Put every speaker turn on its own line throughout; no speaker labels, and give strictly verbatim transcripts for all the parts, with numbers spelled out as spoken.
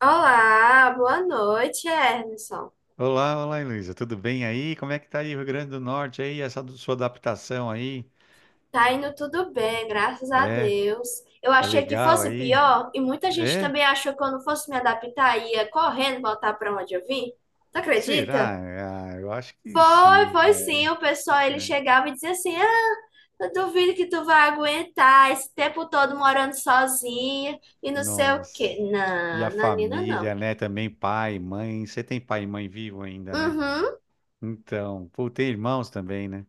Olá, boa noite, Ernison.
Olá, olá, Luísa. Tudo bem aí? Como é que tá aí o Rio Grande do Norte aí? Essa do- sua adaptação aí?
Tá indo tudo bem, graças a
É,
Deus. Eu
é
achei que
legal
fosse
aí?
pior e muita gente
É?
também achou que eu não fosse me adaptar e ia correndo voltar para onde eu vim. Tu acredita?
Será? Ah, eu acho que
Foi,
sim.
foi sim.
É,
O pessoal ele
é.
chegava e dizia assim: Ah, eu duvido que tu vai aguentar esse tempo todo morando sozinha e não sei o
Nossa.
quê.
E a
Não, Nanina, não.
família, né? Também pai, mãe. Você tem pai e mãe vivo ainda, né?
Uhum,
Então, pô, tem irmãos também, né?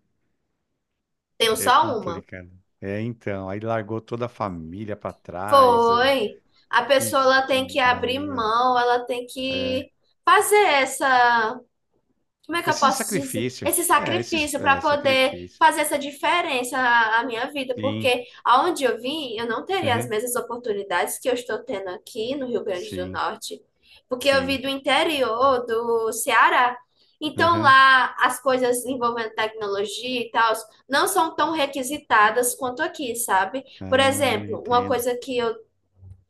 tenho
É
só uma.
complicado. É, então, aí largou toda a família pra trás. É.
Foi. A pessoa
Ixi,
ela tem que abrir
Maria.
mão, ela tem
É.
que fazer essa, como é que eu
Esse
posso dizer?
sacrifício.
Esse
É, esses
sacrifício para
é,
poder
sacrifício.
fazer essa diferença na na minha vida,
Sim,
porque aonde eu vim, eu não teria as
aham,
mesmas oportunidades que eu estou tendo aqui no Rio Grande do
sim,
Norte, porque eu vim
sim,
do interior do Ceará. Então
aham,
lá as coisas envolvendo tecnologia e tal não são tão requisitadas quanto aqui, sabe? Por
ah,
exemplo, uma
entendo.
coisa que eu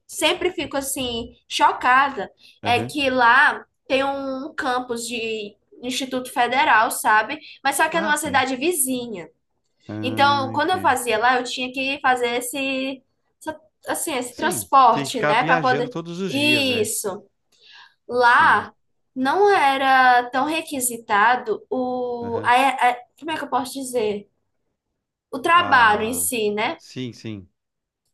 sempre
Ok.
fico assim chocada é
Aham,
que lá tem um campus de Instituto Federal, sabe? Mas só que é
ah,
numa
tem.
cidade vizinha.
Ah,
Então, quando eu
entendo.
fazia lá, eu tinha que fazer esse essa- assim, esse
Sim, tem que
transporte,
ficar
né, para
viajando
poder
todos os dias, é.
isso.
Sim,
Lá não era tão requisitado o a,
aham,
a- como é que eu posso dizer? O trabalho em
ah,
si, né?
sim, sim.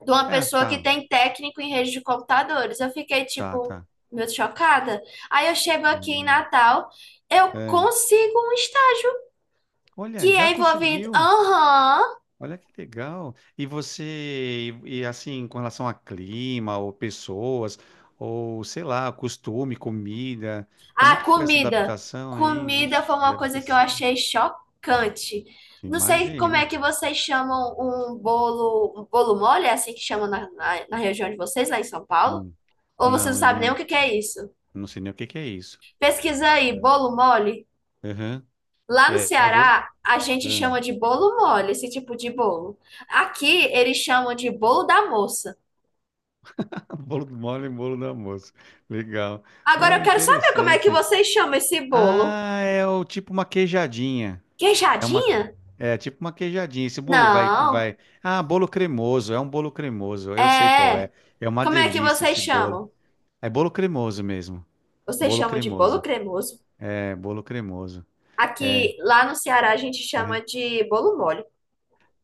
De uma
É,
pessoa que
tá,
tem técnico em rede de computadores. Eu fiquei
tá,
tipo
tá.
meio chocada. Aí eu chego aqui em
Hum,
Natal, eu
é.
consigo um estágio
Olha,
que
já
é envolvido.
conseguiu.
Aham.
Olha que legal. E você, e, e assim, com relação a clima, ou pessoas, ou sei lá, costume, comida, como é
Ah,
que foi essa
comida.
adaptação aí?
Comida
Vixe,
foi uma
deve ter
coisa que eu
sido.
achei chocante. Não sei como é
Imagina.
que vocês chamam um bolo, um bolo mole, é assim que chamam na, na, na região de vocês, lá em São Paulo?
Hum.
Ou vocês
Não,
não
eu
sabem nem o
não,
que que é isso?
não sei nem o que que é isso.
Pesquisa aí,
É,
bolo mole.
aham.
Lá no
É, é, vou.
Ceará, a gente
Ahn.
chama de bolo mole, esse tipo de bolo. Aqui, eles chamam de bolo da moça.
Bolo mole, e bolo do almoço. Legal.
Agora,
Oh,
eu quero saber como é que
interessante.
vocês chamam esse bolo.
Ah, é o tipo uma queijadinha. É uma,
Queijadinha?
é tipo uma queijadinha. Esse bolo vai,
Não,
vai. Ah, bolo cremoso. É um bolo cremoso. Eu sei qual
é.
é. É uma
Como é que
delícia
vocês
esse bolo.
chamam?
É bolo cremoso mesmo.
Vocês
Bolo
chamam de bolo
cremoso.
cremoso.
É bolo cremoso. É,
Aqui, lá no Ceará, a gente chama
aham.
de bolo mole.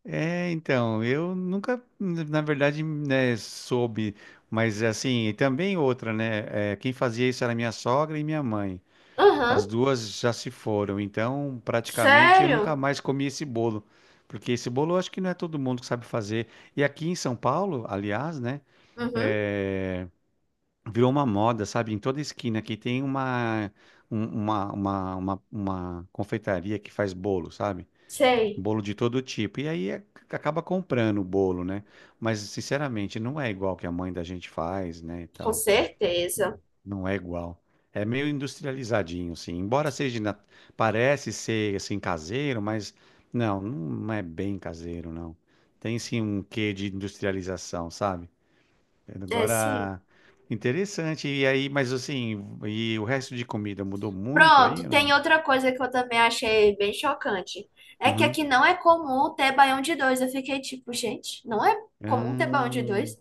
É, então, eu nunca, na verdade, né, soube, mas assim, e também outra, né? É, quem fazia isso era minha sogra e minha mãe.
Aham,
As duas já se foram, então praticamente eu nunca
sério?
mais comi esse bolo, porque esse bolo eu acho que não é todo mundo que sabe fazer. E aqui em São Paulo, aliás, né,
Uhum,
eh, virou uma moda, sabe? Em toda esquina aqui tem uma, um- uma, uma, uma, uma confeitaria que faz bolo, sabe?
sei,
Bolo de todo tipo. E aí é- acaba comprando o bolo, né? Mas sinceramente não é igual que a mãe da gente faz, né, e
com
tal.
certeza.
Não é igual. É meio industrializadinho, assim. Embora seja, na- parece ser assim caseiro, mas não, não é bem caseiro, não. Tem sim um quê de industrialização, sabe?
É, sim.
Agora, interessante. E aí, mas assim, e o resto de comida mudou muito
Pronto,
aí,
tem
não?
outra coisa que eu também achei bem chocante. É que
Uhum.
aqui não é comum ter baião de dois. Eu fiquei tipo, gente, não é comum ter baião de
Ah,
dois?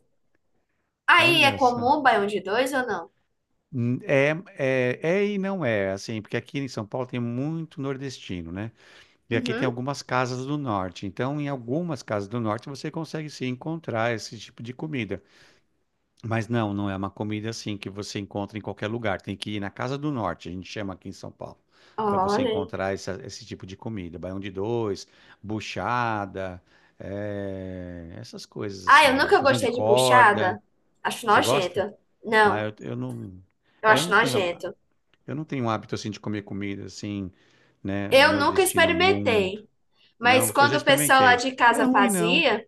Aí é
olha só.
comum baião de dois ou não?
Hum, É, é, é e não é, assim, porque aqui em São Paulo tem muito nordestino, né? E aqui tem
Uhum.
algumas casas do norte. Então, em algumas casas do norte, você consegue sim encontrar esse tipo de comida. Mas não, não é uma comida assim que você encontra em qualquer lugar. Tem que ir na casa do norte, a gente chama aqui em São Paulo, para você
Olha aí.
encontrar essa- esse tipo de comida. Baião de dois, buchada, eh, essas coisas
Ah, eu
assim.
nunca
Feijão de
gostei de
corda.
buchada. Acho
Você
nojento.
gosta? Ah,
Não,
eu, eu não.
eu
É, eu
acho
não tenho. a-
nojento.
Eu não tenho um hábito assim de comer comida assim, né,
Eu nunca
nordestina muito.
experimentei. Mas
Não, eu
quando
já
o pessoal lá
experimentei.
de
Não é
casa
ruim, não.
fazia,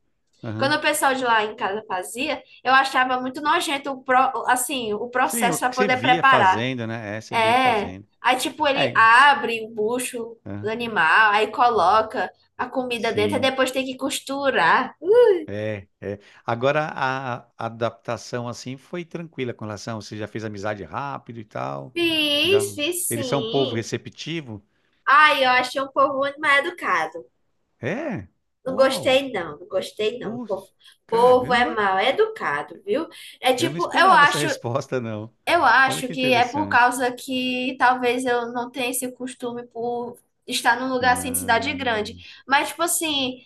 quando
Aham.
o pessoal de lá em casa fazia, eu achava muito nojento o pro, assim, o
Sim, é
processo para
porque você
poder
via
preparar.
fazendo, né? É, você via
É.
fazendo.
Aí, tipo, ele
É,
abre o bucho do
aham.
animal, aí coloca a comida dentro, aí
Sim,
depois tem que costurar.
é, é. Agora, a a adaptação, assim, foi tranquila com relação, você já fez amizade rápido e tal, já...
Fiz, fiz
Eles são um povo
sim.
receptivo?
Ai, eu achei um povo muito mal educado.
É?
Não
Uau!
gostei, não, não gostei, não. O povo,
Puxa,
povo é
caramba!
mal educado, viu? É
Eu não
tipo, eu
esperava essa
acho,
resposta, não.
eu
Olha
acho
que
que é por
interessante.
causa que talvez eu não tenha esse costume por estar num lugar assim de cidade
Ah,
grande. Mas, tipo assim,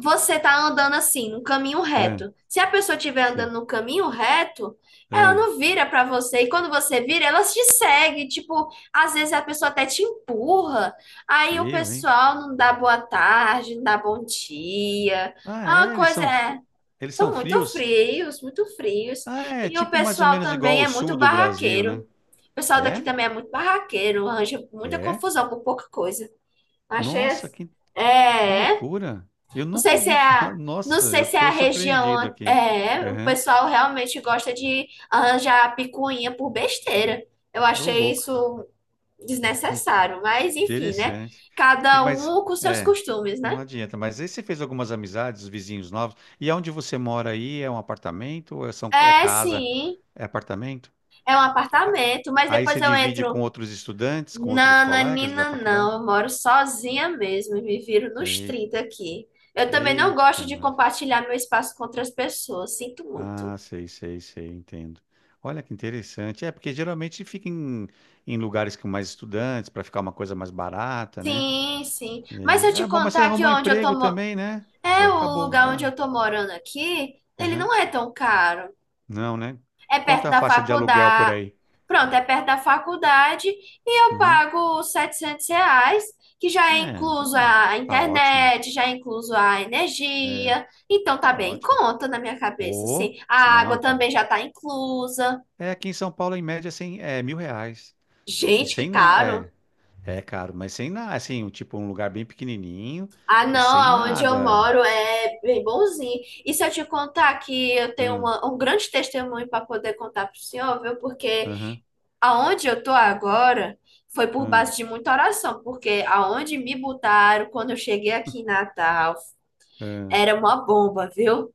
você tá andando assim, no caminho
é,
reto. Se a pessoa estiver
sim.
andando no caminho reto, ela
Ah,
não vira pra você. E quando você vira, ela te segue. Tipo, às vezes a pessoa até te empurra. Aí o
eu, hein?
pessoal não dá boa tarde, não dá bom dia.
Ah,
A
é, eles
coisa
são,
é.
fri- eles são
São muito
frios?
frios, muito frios.
Ah, é
E o
tipo mais ou
pessoal
menos igual
também
ao
é muito
sul do Brasil,
barraqueiro.
né?
O pessoal daqui
É?
também é muito barraqueiro, arranja muita
É?
confusão por pouca coisa. Achei
Nossa,
assim.
que, que
É,
loucura. Eu
não
nunca
sei se
ouvi
é a,
falar.
não
Nossa,
sei
eu
se é a
estou surpreendido
região.
aqui.
É, o
Aham,
pessoal realmente gosta de arranjar picuinha por besteira. Eu
tô
achei
louco.
isso desnecessário, mas enfim, né?
Interessante. E,
Cada
mas,
um com seus
é,
costumes,
não
né?
adianta. Mas aí você fez algumas amizades, vizinhos novos. E aonde você mora aí? É um apartamento ou é, são, é
É,
casa?
sim,
É apartamento?
é um
É,
apartamento, mas
aí
depois
você
eu
divide com
entro.
outros estudantes, com outros colegas da
Nananina,
faculdade?
não, eu moro sozinha mesmo e me viro nos trinta aqui. Eu também não
Eita,
gosto de
nós.
compartilhar meu espaço com outras pessoas, sinto muito.
Ah, sei, sei, sei, entendo. Olha que interessante. É, porque geralmente fica em, em lugares com mais estudantes, para ficar uma coisa mais barata, né?
Sim, sim. Mas se eu
É,
te
é, bom, mas você
contar que
arrumou um
onde eu tô,
emprego também, né? Você
é, o
acabou.
lugar onde
É,
eu tô morando aqui, ele
aham.
não é tão caro.
Não, né?
É
Quanto
perto
é a
da
faixa de aluguel por
faculdade.
aí?
Pronto, é perto da faculdade e eu
Uhum.
pago setecentos reais, que já é
É,
incluso
então
a
tá ótimo.
internet, já é incluso a
É,
energia. Então tá
tá
bem em
ótimo.
conta na minha cabeça,
Ô,
assim. A água
não, tá.
também já tá inclusa.
É, aqui em São Paulo, em média, é cem, é mil reais. E
Gente, que
sem nada.
caro.
É. É caro, mas sem nada, assim, um- tipo um lugar bem pequenininho
Ah,
e
não,
sem
aonde eu
nada.
moro é bem bonzinho. E se eu te contar que eu tenho
Hum,
uma- um grande testemunho para poder contar pro senhor, viu? Porque
aham,
aonde eu tô agora foi por
hum,
base de muita oração, porque aonde me botaram quando eu cheguei aqui em Natal
hum.
era uma bomba, viu?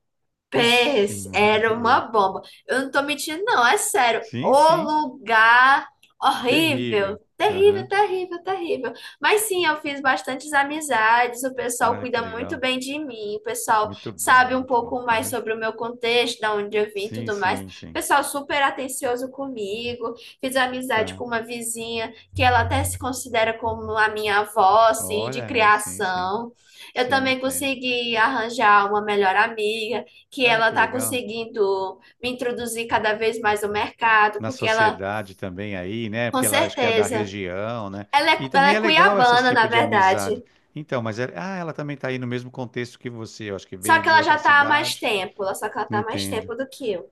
Vixe,
Pés, era uma
Maria.
bomba. Eu não tô mentindo, não, é sério.
Sim,
O
sim,
lugar horrível,
terrível.
terrível,
Aham,
terrível, terrível. Mas sim, eu fiz bastantes amizades, o pessoal
olha que
cuida muito
legal.
bem de mim, o pessoal
Muito bom,
sabe um
muito bom.
pouco mais
Aham.
sobre o meu contexto, da onde eu vim e
Sim,
tudo mais. O
sim, sim.
pessoal super atencioso comigo. Fiz amizade
Tá.
com uma vizinha que ela até se considera como a minha avó, assim,
Olha,
de
é, sim, sim.
criação. Eu
Sim,
também
entendo.
consegui arranjar uma melhor amiga que
Olha
ela
que
está
legal.
conseguindo me introduzir cada vez mais no mercado,
Na
porque ela,
sociedade também aí, né?
com
Porque ela acho que é da
certeza,
região, né?
ela
E
é, ela
também
é
é legal esses
cuiabana, na
tipo de
verdade.
amizade. Então, mas ela, ah, ela também está aí no mesmo contexto que você, eu acho que
Só
veio
que
de
ela
outra
já tá há mais
cidade.
tempo, só que ela tá há mais
Entendo.
tempo do que eu.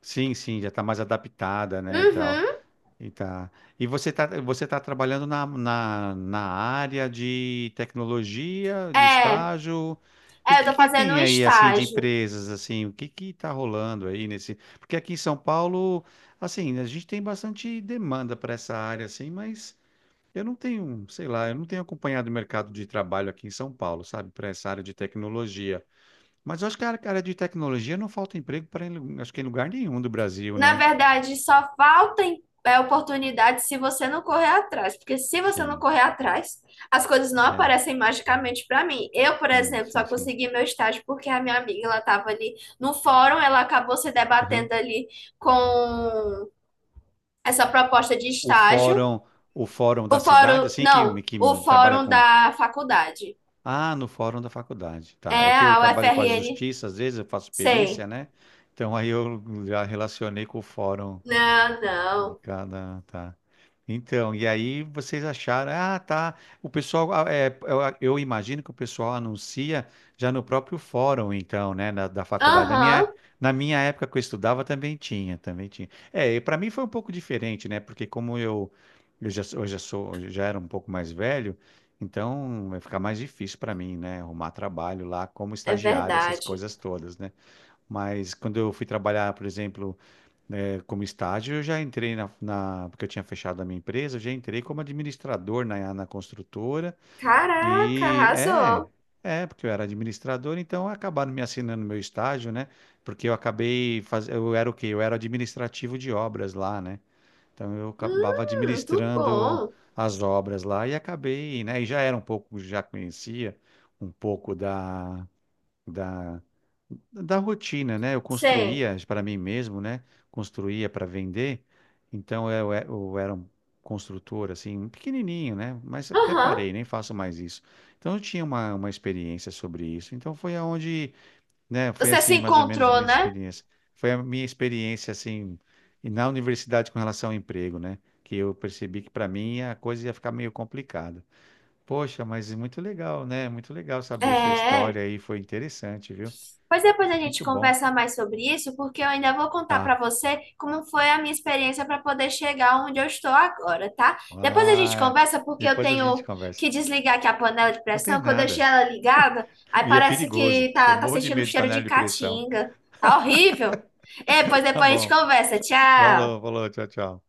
Sim, sim, já está mais adaptada, né, e tal.
Uhum,
E tá. E você tá, você tá trabalhando na, na, na área de tecnologia, de
é,
estágio. E o
é, eu
que
tô
que
fazendo um
tem aí, assim, de
estágio.
empresas, assim? O que que tá rolando aí nesse... Porque aqui em São Paulo, assim, a gente tem bastante demanda para essa área, assim, mas eu não tenho, sei lá, eu não tenho acompanhado o mercado de trabalho aqui em São Paulo, sabe? Para essa área de tecnologia. Mas eu acho que a área a área de tecnologia não falta emprego para, acho que em lugar nenhum do Brasil,
Na
né?
verdade, só falta em- é, oportunidade se você não correr atrás, porque se você não
Sim,
correr atrás, as coisas não
é.
aparecem magicamente para mim. Eu, por
Não,
exemplo, só
sim, sim.
consegui meu estágio porque a minha amiga, ela estava ali no fórum, ela acabou se debatendo ali com essa proposta de
o
estágio.
fórum, o fórum da
O
cidade,
fórum,
assim
não,
que, que
o
trabalha
fórum
com.
da faculdade.
Ah, no fórum da faculdade, tá?
É
É que eu
a
trabalho com a
U F R N,
justiça, às vezes eu faço perícia,
sei.
né? Então aí eu já relacionei com o fórum
Não,
de
não.
cada, tá? Então, e aí vocês acharam, ah, tá. O pessoal, ah, é, eu, ah, eu imagino que o pessoal anuncia já no próprio fórum, então, né, na- da faculdade. Na
Aham,
minha, na minha época que eu estudava também tinha, também tinha. É, para mim foi um pouco diferente, né, porque como eu, eu já, sou- eu já sou, eu já era um pouco mais velho, então vai ficar mais difícil para mim, né, arrumar trabalho lá como
é
estagiário, essas
verdade.
coisas todas, né. Mas quando eu fui trabalhar, por exemplo, é, como estágio, eu já entrei na, na- Porque eu tinha fechado a minha empresa, eu já entrei como administrador na, na construtora.
Caraca,
E é,
arrasou.
é, porque eu era administrador, então acabaram me assinando meu estágio, né? Porque eu acabei faz... Eu era o quê? Eu era administrativo de obras lá, né? Então eu acabava
Hum, muito
administrando
bom.
as obras lá e acabei, né? E já era um pouco, já conhecia um pouco da da, da rotina, né? Eu
Sei.
construía para mim mesmo, né? Construía para vender. Então eu, e- eu era um construtor assim, pequenininho, né? Mas até
Aham.
parei, nem faço mais isso. Então eu tinha uma, uma experiência sobre isso. Então foi aonde, né? Foi
Você se
assim, mais ou menos a
encontrou,
minha
né?
experiência. Foi a minha experiência assim e na universidade com relação ao emprego, né? Que eu percebi que para mim a coisa ia ficar meio complicada. Poxa, mas é muito legal, né? Muito legal saber sua
É.
história aí, foi interessante, viu?
Pois depois a gente
Muito bom.
conversa mais sobre isso, porque eu ainda vou contar
Tá.
pra você como foi a minha experiência para poder chegar onde eu estou agora, tá? Depois a gente
Ah,
conversa, porque eu
depois a gente
tenho
conversa.
que desligar aqui a panela de
Não tem
pressão, que eu deixei
nada.
ela ligada, aí
E é
parece
perigoso.
que
Eu
tá, tá
morro de
sentindo um
medo de
cheiro de
panela de pressão.
caatinga. Tá horrível. É, pois
Tá
depois a gente
bom.
conversa.
Falou,
Tchau.
falou. Tchau, tchau.